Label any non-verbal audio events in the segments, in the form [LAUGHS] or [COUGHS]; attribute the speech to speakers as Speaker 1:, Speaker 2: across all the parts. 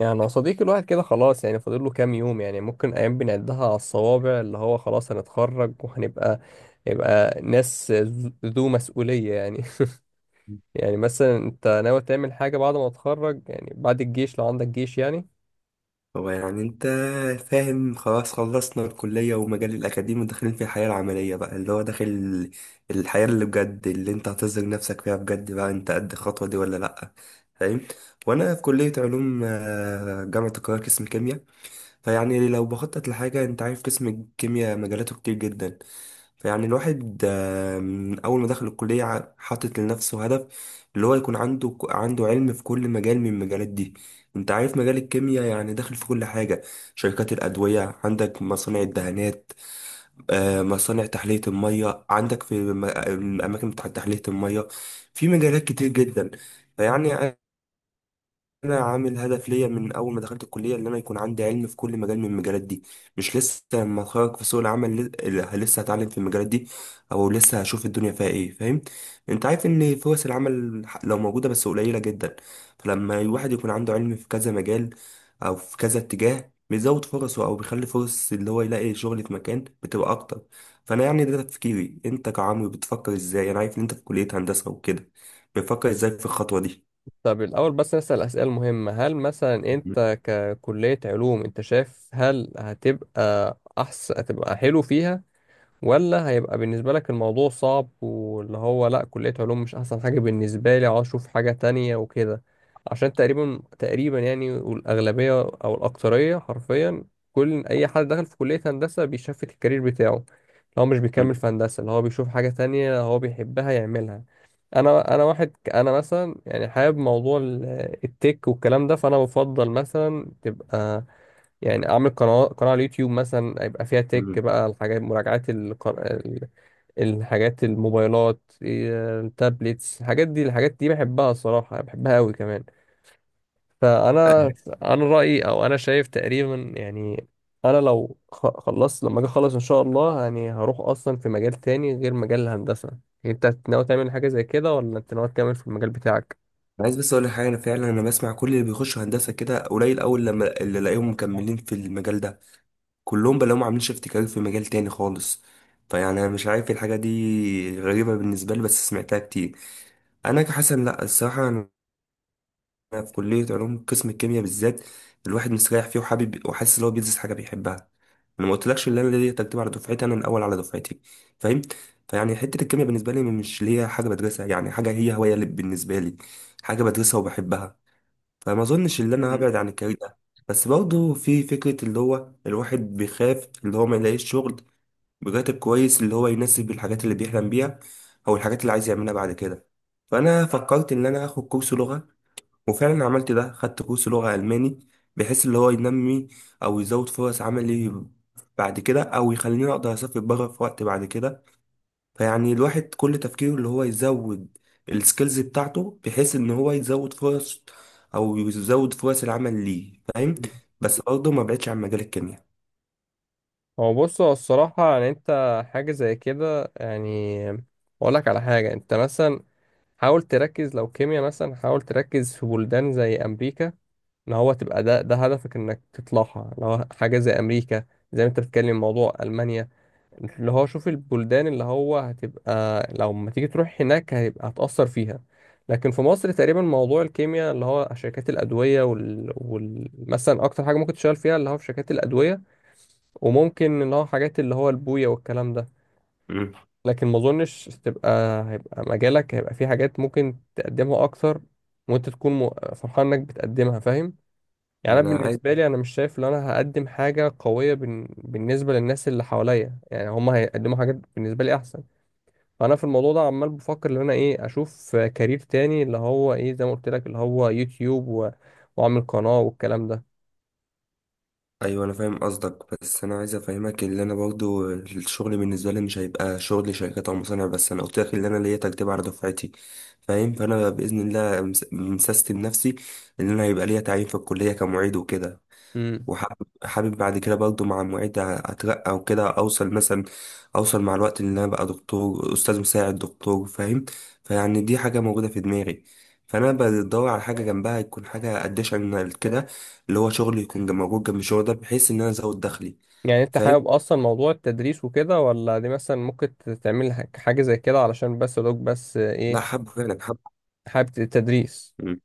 Speaker 1: يعني يا صديقي الواحد كده خلاص، يعني فاضل له كام يوم. يعني ممكن ايام بنعدها على الصوابع، اللي هو خلاص هنتخرج وهنبقى يبقى ناس ذو مسؤولية يعني [LAUGHS] يعني مثلا انت ناوي تعمل حاجة بعد ما تتخرج؟ يعني بعد الجيش لو عندك جيش يعني.
Speaker 2: هو يعني انت فاهم خلاص خلصنا الكلية ومجال الأكاديمي وداخلين في الحياة العملية بقى اللي هو داخل الحياة اللي بجد اللي انت هتظهر نفسك فيها بجد بقى انت قد الخطوة دي ولا لأ فاهم. وأنا في كلية علوم جامعة القاهرة قسم كيمياء. فيعني لو بخطط لحاجة انت عارف قسم الكيمياء مجالاته كتير جدا. فيعني الواحد من أول ما دخل الكلية حاطط لنفسه هدف، اللي هو يكون عنده علم في كل مجال من المجالات دي. انت عارف مجال الكيمياء يعني داخل في كل حاجة، شركات الأدوية، عندك مصانع الدهانات، مصانع تحلية المية، عندك في الأماكن بتاعت تحلية المية، في مجالات كتير جدا. فيعني انا عامل هدف ليا من اول ما دخلت الكليه ان انا يكون عندي علم في كل مجال من المجالات دي، مش لسه لما اتخرج في سوق العمل لسه هتعلم في المجالات دي، او لسه هشوف الدنيا فيها ايه. فاهم؟ انت عارف ان فرص العمل لو موجوده بس قليله جدا، فلما الواحد يكون عنده علم في كذا مجال او في كذا اتجاه بيزود فرصه او بيخلي فرص اللي هو يلاقي شغل في مكان بتبقى اكتر. فانا يعني ده تفكيري. انت كعمرو بتفكر ازاي؟ انا عارف ان انت في كليه هندسه وكده، بتفكر ازاي في الخطوه
Speaker 1: طب الأول بس نسأل أسئلة مهمة. هل مثلا أنت ككلية علوم أنت شايف هل هتبقى أحسن، هتبقى حلو فيها، ولا هيبقى بالنسبة لك الموضوع صعب، واللي هو لأ كلية علوم مش أحسن حاجة بالنسبة لي، عاوز أشوف حاجة تانية وكده؟ عشان تقريبا يعني، والأغلبية أو الأكثرية حرفيا كل أي حد دخل في كلية هندسة بيشفت الكارير بتاعه، اللي هو مش بيكمل في هندسة، اللي هو بيشوف حاجة تانية هو بيحبها يعملها. أنا أنا مثلا يعني حابب موضوع التك والكلام ده، فأنا بفضل مثلا تبقى، يعني اعمل قناه على اليوتيوب مثلا، يبقى فيها
Speaker 2: دي؟
Speaker 1: تك بقى، الحاجات مراجعات الحاجات الموبايلات إيه، التابلتس، الحاجات دي الحاجات دي بحبها الصراحه، بحبها قوي كمان. فانا انا رايي او انا شايف تقريبا يعني، انا خلصت، لما اجي اخلص ان شاء الله يعني، هروح اصلا في مجال تاني غير مجال الهندسه. انت ناوي تعمل حاجه زي كده ولا انت ناوي تكمل في المجال بتاعك؟
Speaker 2: عايز بس اقول لك حاجه، انا فعلا انا بسمع كل اللي بيخشوا هندسه كده قليل اول لما اللي الاقيهم مكملين في المجال ده، كلهم بلاقيهم عاملين شيفت كارير في مجال تاني خالص. فيعني انا مش عارف إيه الحاجه دي، غريبه بالنسبه لي بس سمعتها كتير. انا كحسن لا الصراحه، انا في كليه علوم قسم الكيمياء بالذات، الواحد مستريح فيه وحابب وحاسس ان هو بيدرس حاجه بيحبها. انا ما قلتلكش ان انا ليا ترتيب على دفعتي، انا الاول على دفعتي. فاهم؟ فيعني حته الكيمياء بالنسبه لي مش اللي هي حاجه بدرسها، يعني حاجه هي هوايه اللي بالنسبه لي، حاجه بدرسها وبحبها. فما اظنش ان انا هبعد عن الكارير ده. بس برضه في فكرة اللي هو الواحد بيخاف اللي هو ما يلاقيش شغل براتب كويس اللي هو يناسب الحاجات اللي بيحلم بيها او الحاجات اللي عايز يعملها بعد كده. فانا فكرت ان انا اخد كورس لغة، وفعلا عملت ده، خدت كورس لغة الماني، بحيث اللي هو ينمي او يزود فرص عملي بعد كده، او يخليني اقدر اسافر بره في وقت بعد كده. فيعني الواحد كل تفكيره اللي هو يزود السكيلز بتاعته بحيث ان هو يزود فرص او يزود فرص العمل ليه. فاهم؟ بس برضه ما بعدش عن مجال الكيمياء.
Speaker 1: هو بص هو الصراحة يعني انت، حاجة زي كده يعني، اقول لك على حاجة. انت مثلا حاول تركز لو كيمياء، مثلا حاول تركز في بلدان زي امريكا. ان هو تبقى ده هدفك، انك تطلعها لو حاجة زي امريكا، زي ما انت بتتكلم موضوع المانيا. اللي هو شوف البلدان اللي هو هتبقى، لو ما تيجي تروح هناك هيبقى هتأثر فيها. لكن في مصر تقريبا موضوع الكيمياء اللي هو شركات الأدوية مثلا أكتر حاجة ممكن تشتغل فيها اللي هو في شركات الأدوية، وممكن اللي هو حاجات اللي هو البوية والكلام ده.
Speaker 2: مم.
Speaker 1: لكن ما أظنش تبقى، هيبقى مجالك هيبقى في حاجات ممكن تقدمها أكتر، وأنت تكون م- فرحان إنك بتقدمها فاهم.
Speaker 2: ما
Speaker 1: يعني انا
Speaker 2: انا عايز.
Speaker 1: بالنسبه لي انا مش شايف ان انا هقدم حاجه قويه بالنسبه للناس اللي حواليا، يعني هم هيقدموا حاجات بالنسبه لي احسن. فانا في الموضوع ده عمال بفكر ان انا ايه، اشوف كارير تاني اللي هو ايه، زي ما قلت لك اللي هو يوتيوب واعمل قناه والكلام ده.
Speaker 2: ايوه انا فاهم قصدك، بس انا عايز افهمك ان انا برضو الشغل بالنسبه لي مش هيبقى شغل شركات او مصانع بس، انا قلت لك ان انا ليا تجربه على دفعتي. فاهم؟ فانا باذن الله مسستم نفسي ان انا هيبقى ليا تعيين في الكليه كمعيد وكده.
Speaker 1: امم.
Speaker 2: وحابب بعد كده برضه مع المعيد اترقى وكده اوصل مثلا، اوصل مع الوقت ان انا بقى دكتور استاذ مساعد دكتور. فاهم؟ فيعني دي حاجه موجوده في دماغي، فانا بدور على حاجه جنبها يكون حاجه اديشنال كده، اللي هو شغل يكون موجود جنب الشغل ده بحيث ان انا ازود دخلي.
Speaker 1: يعني انت
Speaker 2: فاهم؟
Speaker 1: حابب اصلا موضوع التدريس وكده ولا دي مثلا ممكن تعمل حاجه زي كده، علشان بس لوك بس
Speaker 2: لا
Speaker 1: ايه؟
Speaker 2: حابب فعلا حابب.
Speaker 1: حابب التدريس؟
Speaker 2: مم.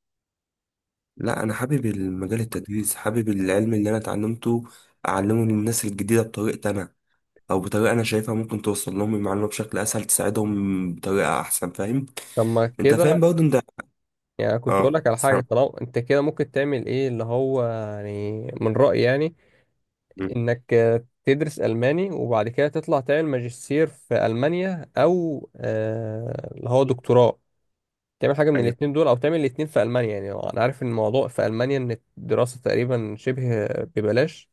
Speaker 2: لا انا حابب المجال التدريس، حابب العلم اللي انا اتعلمته اعلمه للناس الجديده بطريقتي انا، او بطريقه انا شايفها ممكن توصل لهم المعلومه بشكل اسهل، تساعدهم بطريقه احسن. فاهم؟
Speaker 1: طب ما
Speaker 2: انت فاهم
Speaker 1: كده،
Speaker 2: برضه انت.
Speaker 1: يعني كنت اقول
Speaker 2: اه
Speaker 1: لك على حاجه،
Speaker 2: سامع.
Speaker 1: طالما انت كده ممكن تعمل ايه اللي هو يعني من رايي يعني،
Speaker 2: مم.
Speaker 1: انك آه، تدرس الماني، وبعد كده تطلع تعمل ماجستير في المانيا، او آه، اللي هو دكتوراه، تعمل حاجه من
Speaker 2: ايوه.
Speaker 1: الاتنين دول او تعمل الاتنين في المانيا. يعني انا عارف ان الموضوع في المانيا ان الدراسه تقريبا شبه ببلاش.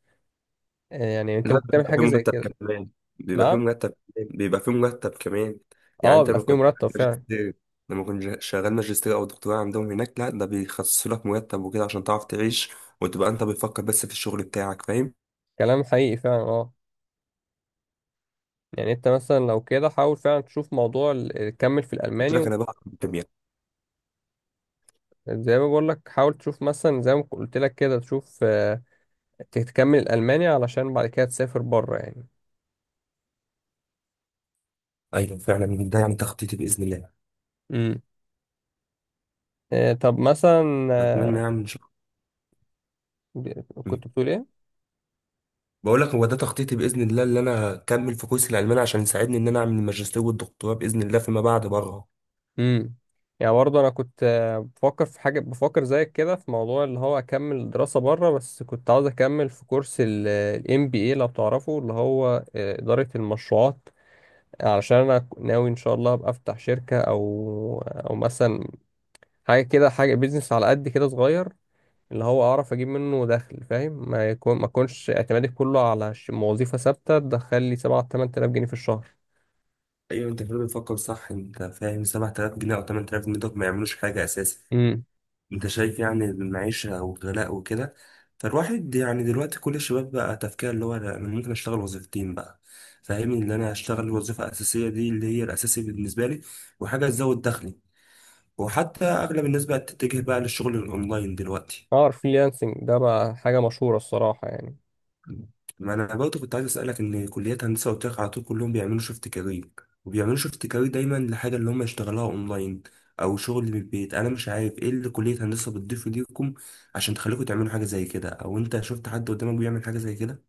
Speaker 1: آه، يعني انت
Speaker 2: لا
Speaker 1: ممكن تعمل
Speaker 2: بيبقى في
Speaker 1: حاجه زي
Speaker 2: مرتب
Speaker 1: كده.
Speaker 2: كمان، بيبقى في
Speaker 1: نعم.
Speaker 2: مرتب كمان، بيبقى في مرتب كمان. يعني
Speaker 1: اه
Speaker 2: انت
Speaker 1: بيبقى
Speaker 2: لما
Speaker 1: فيه
Speaker 2: كنت
Speaker 1: مرتب فعلا.
Speaker 2: ماجستير، لما كنت شغال ماجستير او دكتوراه عندهم هناك، لا ده بيخصصوا لك مرتب وكده عشان تعرف تعيش وتبقى انت بتفكر بس في الشغل بتاعك. فاهم؟
Speaker 1: كلام حقيقي فعلا اه. يعني انت مثلا لو كده حاول فعلا تشوف موضوع تكمل في
Speaker 2: قلت
Speaker 1: الالماني
Speaker 2: لك انا بقى في الكيمياء.
Speaker 1: زي ما بقول لك حاول تشوف مثلا زي ما قلت لك كده تشوف آه، تكمل الالماني علشان بعد كده تسافر بره يعني.
Speaker 2: ايوه فعلا ده يعني تخطيطي باذن الله.
Speaker 1: امم. آه، طب مثلا
Speaker 2: اتمنى
Speaker 1: آه،
Speaker 2: يعني ان شاء الله.
Speaker 1: كنت بتقول ايه؟
Speaker 2: بقول لك هو ده تخطيطي باذن الله، اللي انا اكمل في كورس الالماني عشان يساعدني ان انا اعمل الماجستير والدكتوراه باذن الله فيما بعد بره.
Speaker 1: امم. يعني برضه انا كنت آه، بفكر في حاجه بفكر زيك كده في موضوع اللي هو اكمل دراسه بره، بس كنت عاوز اكمل في كورس الام بي اي لو تعرفه، اللي هو آه، اداره المشروعات. علشان انا ناوي ان شاء الله ابقى افتح شركه او او مثلا حاجه كده، حاجه بيزنس على قد كده صغير، اللي هو اعرف اجيب منه دخل فاهم، ما يكون ما اكونش اعتمادي كله على وظيفه ثابته تدخل لي 7 8000 جنيه في الشهر.
Speaker 2: ايوه انت فعلا بتفكر صح. انت فاهم 7000 جنيه او 8000 جنيه دول ما يعملوش حاجه اساسا، انت شايف يعني المعيشه والغلاء وكده. فالواحد يعني دلوقتي كل الشباب بقى تفكير اللي هو انا ممكن اشتغل وظيفتين بقى، فاهمني؟ ان انا اشتغل الوظيفه الاساسيه دي اللي هي الاساسي بالنسبه لي، وحاجه تزود دخلي. وحتى اغلب الناس بقت تتجه بقى للشغل الاونلاين دلوقتي.
Speaker 1: اه الفريلانسنج ده بقى حاجة مشهورة الصراحة يعني.
Speaker 2: ما انا برضه كنت عايز اسالك ان كليات هندسه قلت لك على طول كلهم بيعملوا شيفت كارير، وبيعملوا شيفت كارير دايما لحاجه اللي هم يشتغلوها اونلاين او شغل من البيت. انا مش عارف ايه اللي كليه هندسه بتضيفه ليكم عشان تخليكم تعملوا حاجه زي كده، او انت شفت حد قدامك بيعمل حاجه زي كده؟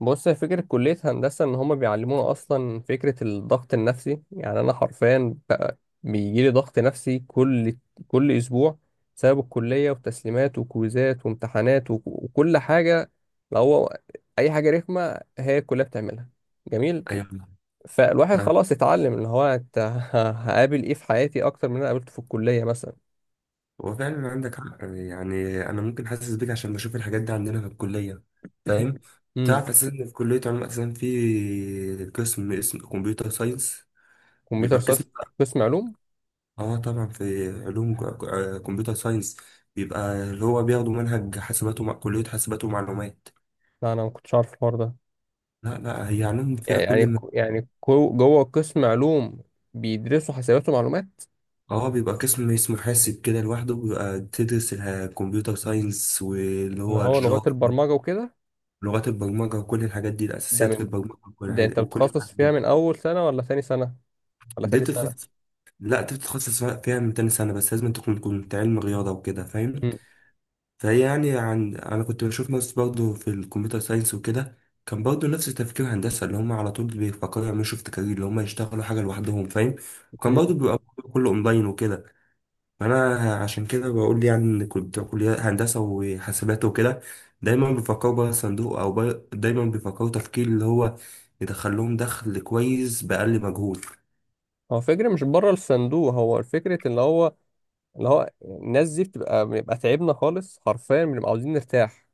Speaker 1: بص هي فكرة كلية هندسة إن هما بيعلمونا أصلا فكرة الضغط النفسي، يعني أنا حرفيا بقى بيجيلي ضغط نفسي كل أسبوع بسبب الكلية وتسليمات وكويزات وامتحانات وكل حاجة. لو هو أي حاجة رخمة هي الكلية بتعملها جميل.
Speaker 2: ايوه.
Speaker 1: فالواحد
Speaker 2: آه،
Speaker 1: خلاص اتعلم اللي هو أنت [LAUGHS] هقابل إيه في حياتي أكتر من اللي أنا قابلته في الكلية مثلا.
Speaker 2: هو فعلا عندك حق، يعني انا ممكن حاسس بيك عشان بشوف الحاجات دي عندنا في الكليه.
Speaker 1: [CLEARS THROAT]
Speaker 2: فاهم؟
Speaker 1: [COUGHS] امم.
Speaker 2: تعرف اساسا إن في كليه علوم اساسا في قسم اسمه كمبيوتر ساينس،
Speaker 1: كمبيوتر
Speaker 2: بيبقى القسم.
Speaker 1: ساينس، قسم علوم.
Speaker 2: اه طبعا في علوم كمبيوتر ساينس، بيبقى اللي هو بياخدوا منهج حاسبات ومع كلية حاسبات ومعلومات.
Speaker 1: لا أنا ما كنتش عارف الحوار ده.
Speaker 2: لا لا، هي علوم فيها كل
Speaker 1: يعني
Speaker 2: ما.
Speaker 1: يعني جوه قسم علوم بيدرسوا حسابات ومعلومات؟
Speaker 2: اه بيبقى قسم اسمه حاسب كده لوحده، بيبقى تدرس الكمبيوتر ساينس واللي
Speaker 1: اللي
Speaker 2: هو
Speaker 1: هو لغات
Speaker 2: الجافا،
Speaker 1: البرمجة وكده؟
Speaker 2: لغات البرمجة وكل الحاجات دي
Speaker 1: ده
Speaker 2: الأساسيات في
Speaker 1: من،
Speaker 2: البرمجة وكل
Speaker 1: ده
Speaker 2: الحاجات
Speaker 1: انت
Speaker 2: وكل
Speaker 1: بتخصص
Speaker 2: الحاجات
Speaker 1: فيها
Speaker 2: دي.
Speaker 1: من اول سنة ولا ثاني سنة ولا
Speaker 2: دي
Speaker 1: ثالث سنة؟
Speaker 2: بتتخصص لا دي بتتخصص فيها من تاني سنة، بس لازم تكون كنت علم رياضة وكده. فاهم؟
Speaker 1: مم.
Speaker 2: فهي يعني، عن انا كنت بشوف ناس برضو في الكمبيوتر ساينس وكده، كان برضو نفس تفكير هندسه اللي هم على طول بيفكروا يعملوا شيفت كارير اللي هم يشتغلوا حاجه لوحدهم. فاهم؟ وكان برضو
Speaker 1: مم.
Speaker 2: بيبقى كله اونلاين وكده. فانا عشان كده بقول يعني ان كنت كليه هندسه وحاسبات وكده دايما بيفكروا بره الصندوق او بره، دايما بيفكروا تفكير اللي هو يدخل لهم دخل كويس باقل مجهود.
Speaker 1: هو فكرة مش بره الصندوق، هو الفكرة اللي هو اللي هو الناس دي بتبقى بنبقى تعبنا خالص حرفيا، بنبقى عاوزين نرتاح،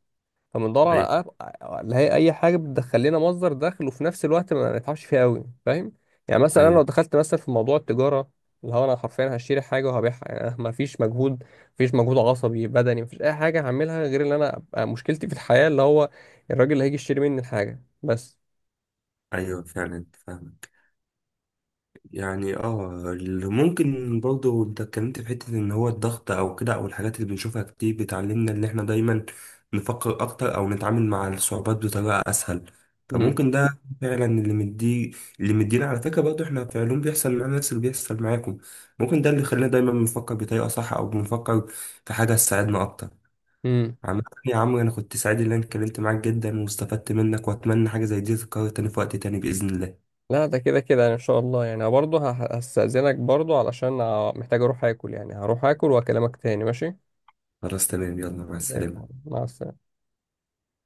Speaker 1: فبندور
Speaker 2: ايوه.
Speaker 1: على اللي هي اي حاجه بتدخل لنا مصدر دخل وفي نفس الوقت ما نتعبش فيها قوي فاهم. يعني مثلا انا
Speaker 2: ايوه.
Speaker 1: لو دخلت مثلا في موضوع التجاره، اللي هو انا حرفيا هشتري حاجه وهبيعها، يعني ما فيش مجهود، مفيش مجهود عصبي بدني، مفيش اي حاجه هعملها غير ان انا أبقى مشكلتي في الحياه اللي هو الراجل اللي هيجي يشتري مني الحاجه بس.
Speaker 2: ايوه فعلا فاهم. يعني اه اللي ممكن برضه انت اتكلمت في حتة ان هو الضغط او كده، او الحاجات اللي بنشوفها كتير بتعلمنا ان احنا دايما نفكر اكتر او نتعامل مع الصعوبات بطريقة اسهل.
Speaker 1: امم.
Speaker 2: فممكن ده فعلا اللي مدينا. على فكرة برضه احنا في علوم بيحصل معانا نفس اللي بيحصل معاكم. ممكن ده اللي خلانا دايما بنفكر بطريقة صح، او بنفكر في حاجة تساعدنا اكتر.
Speaker 1: امم.
Speaker 2: عامة يا عمرو انا كنت سعيد ان انا اتكلمت معاك جدا واستفدت منك، واتمنى حاجة زي دي تتكرر تاني في وقت تاني بإذن الله.
Speaker 1: لا ده كده يعني ان شاء الله يعني، برضه هستأذنك برضه علشان محتاج اروح اكل يعني، هروح اكل واكلمك تاني ماشي؟
Speaker 2: خلاص تمام، يلا مع السلامة.
Speaker 1: مع السلامه.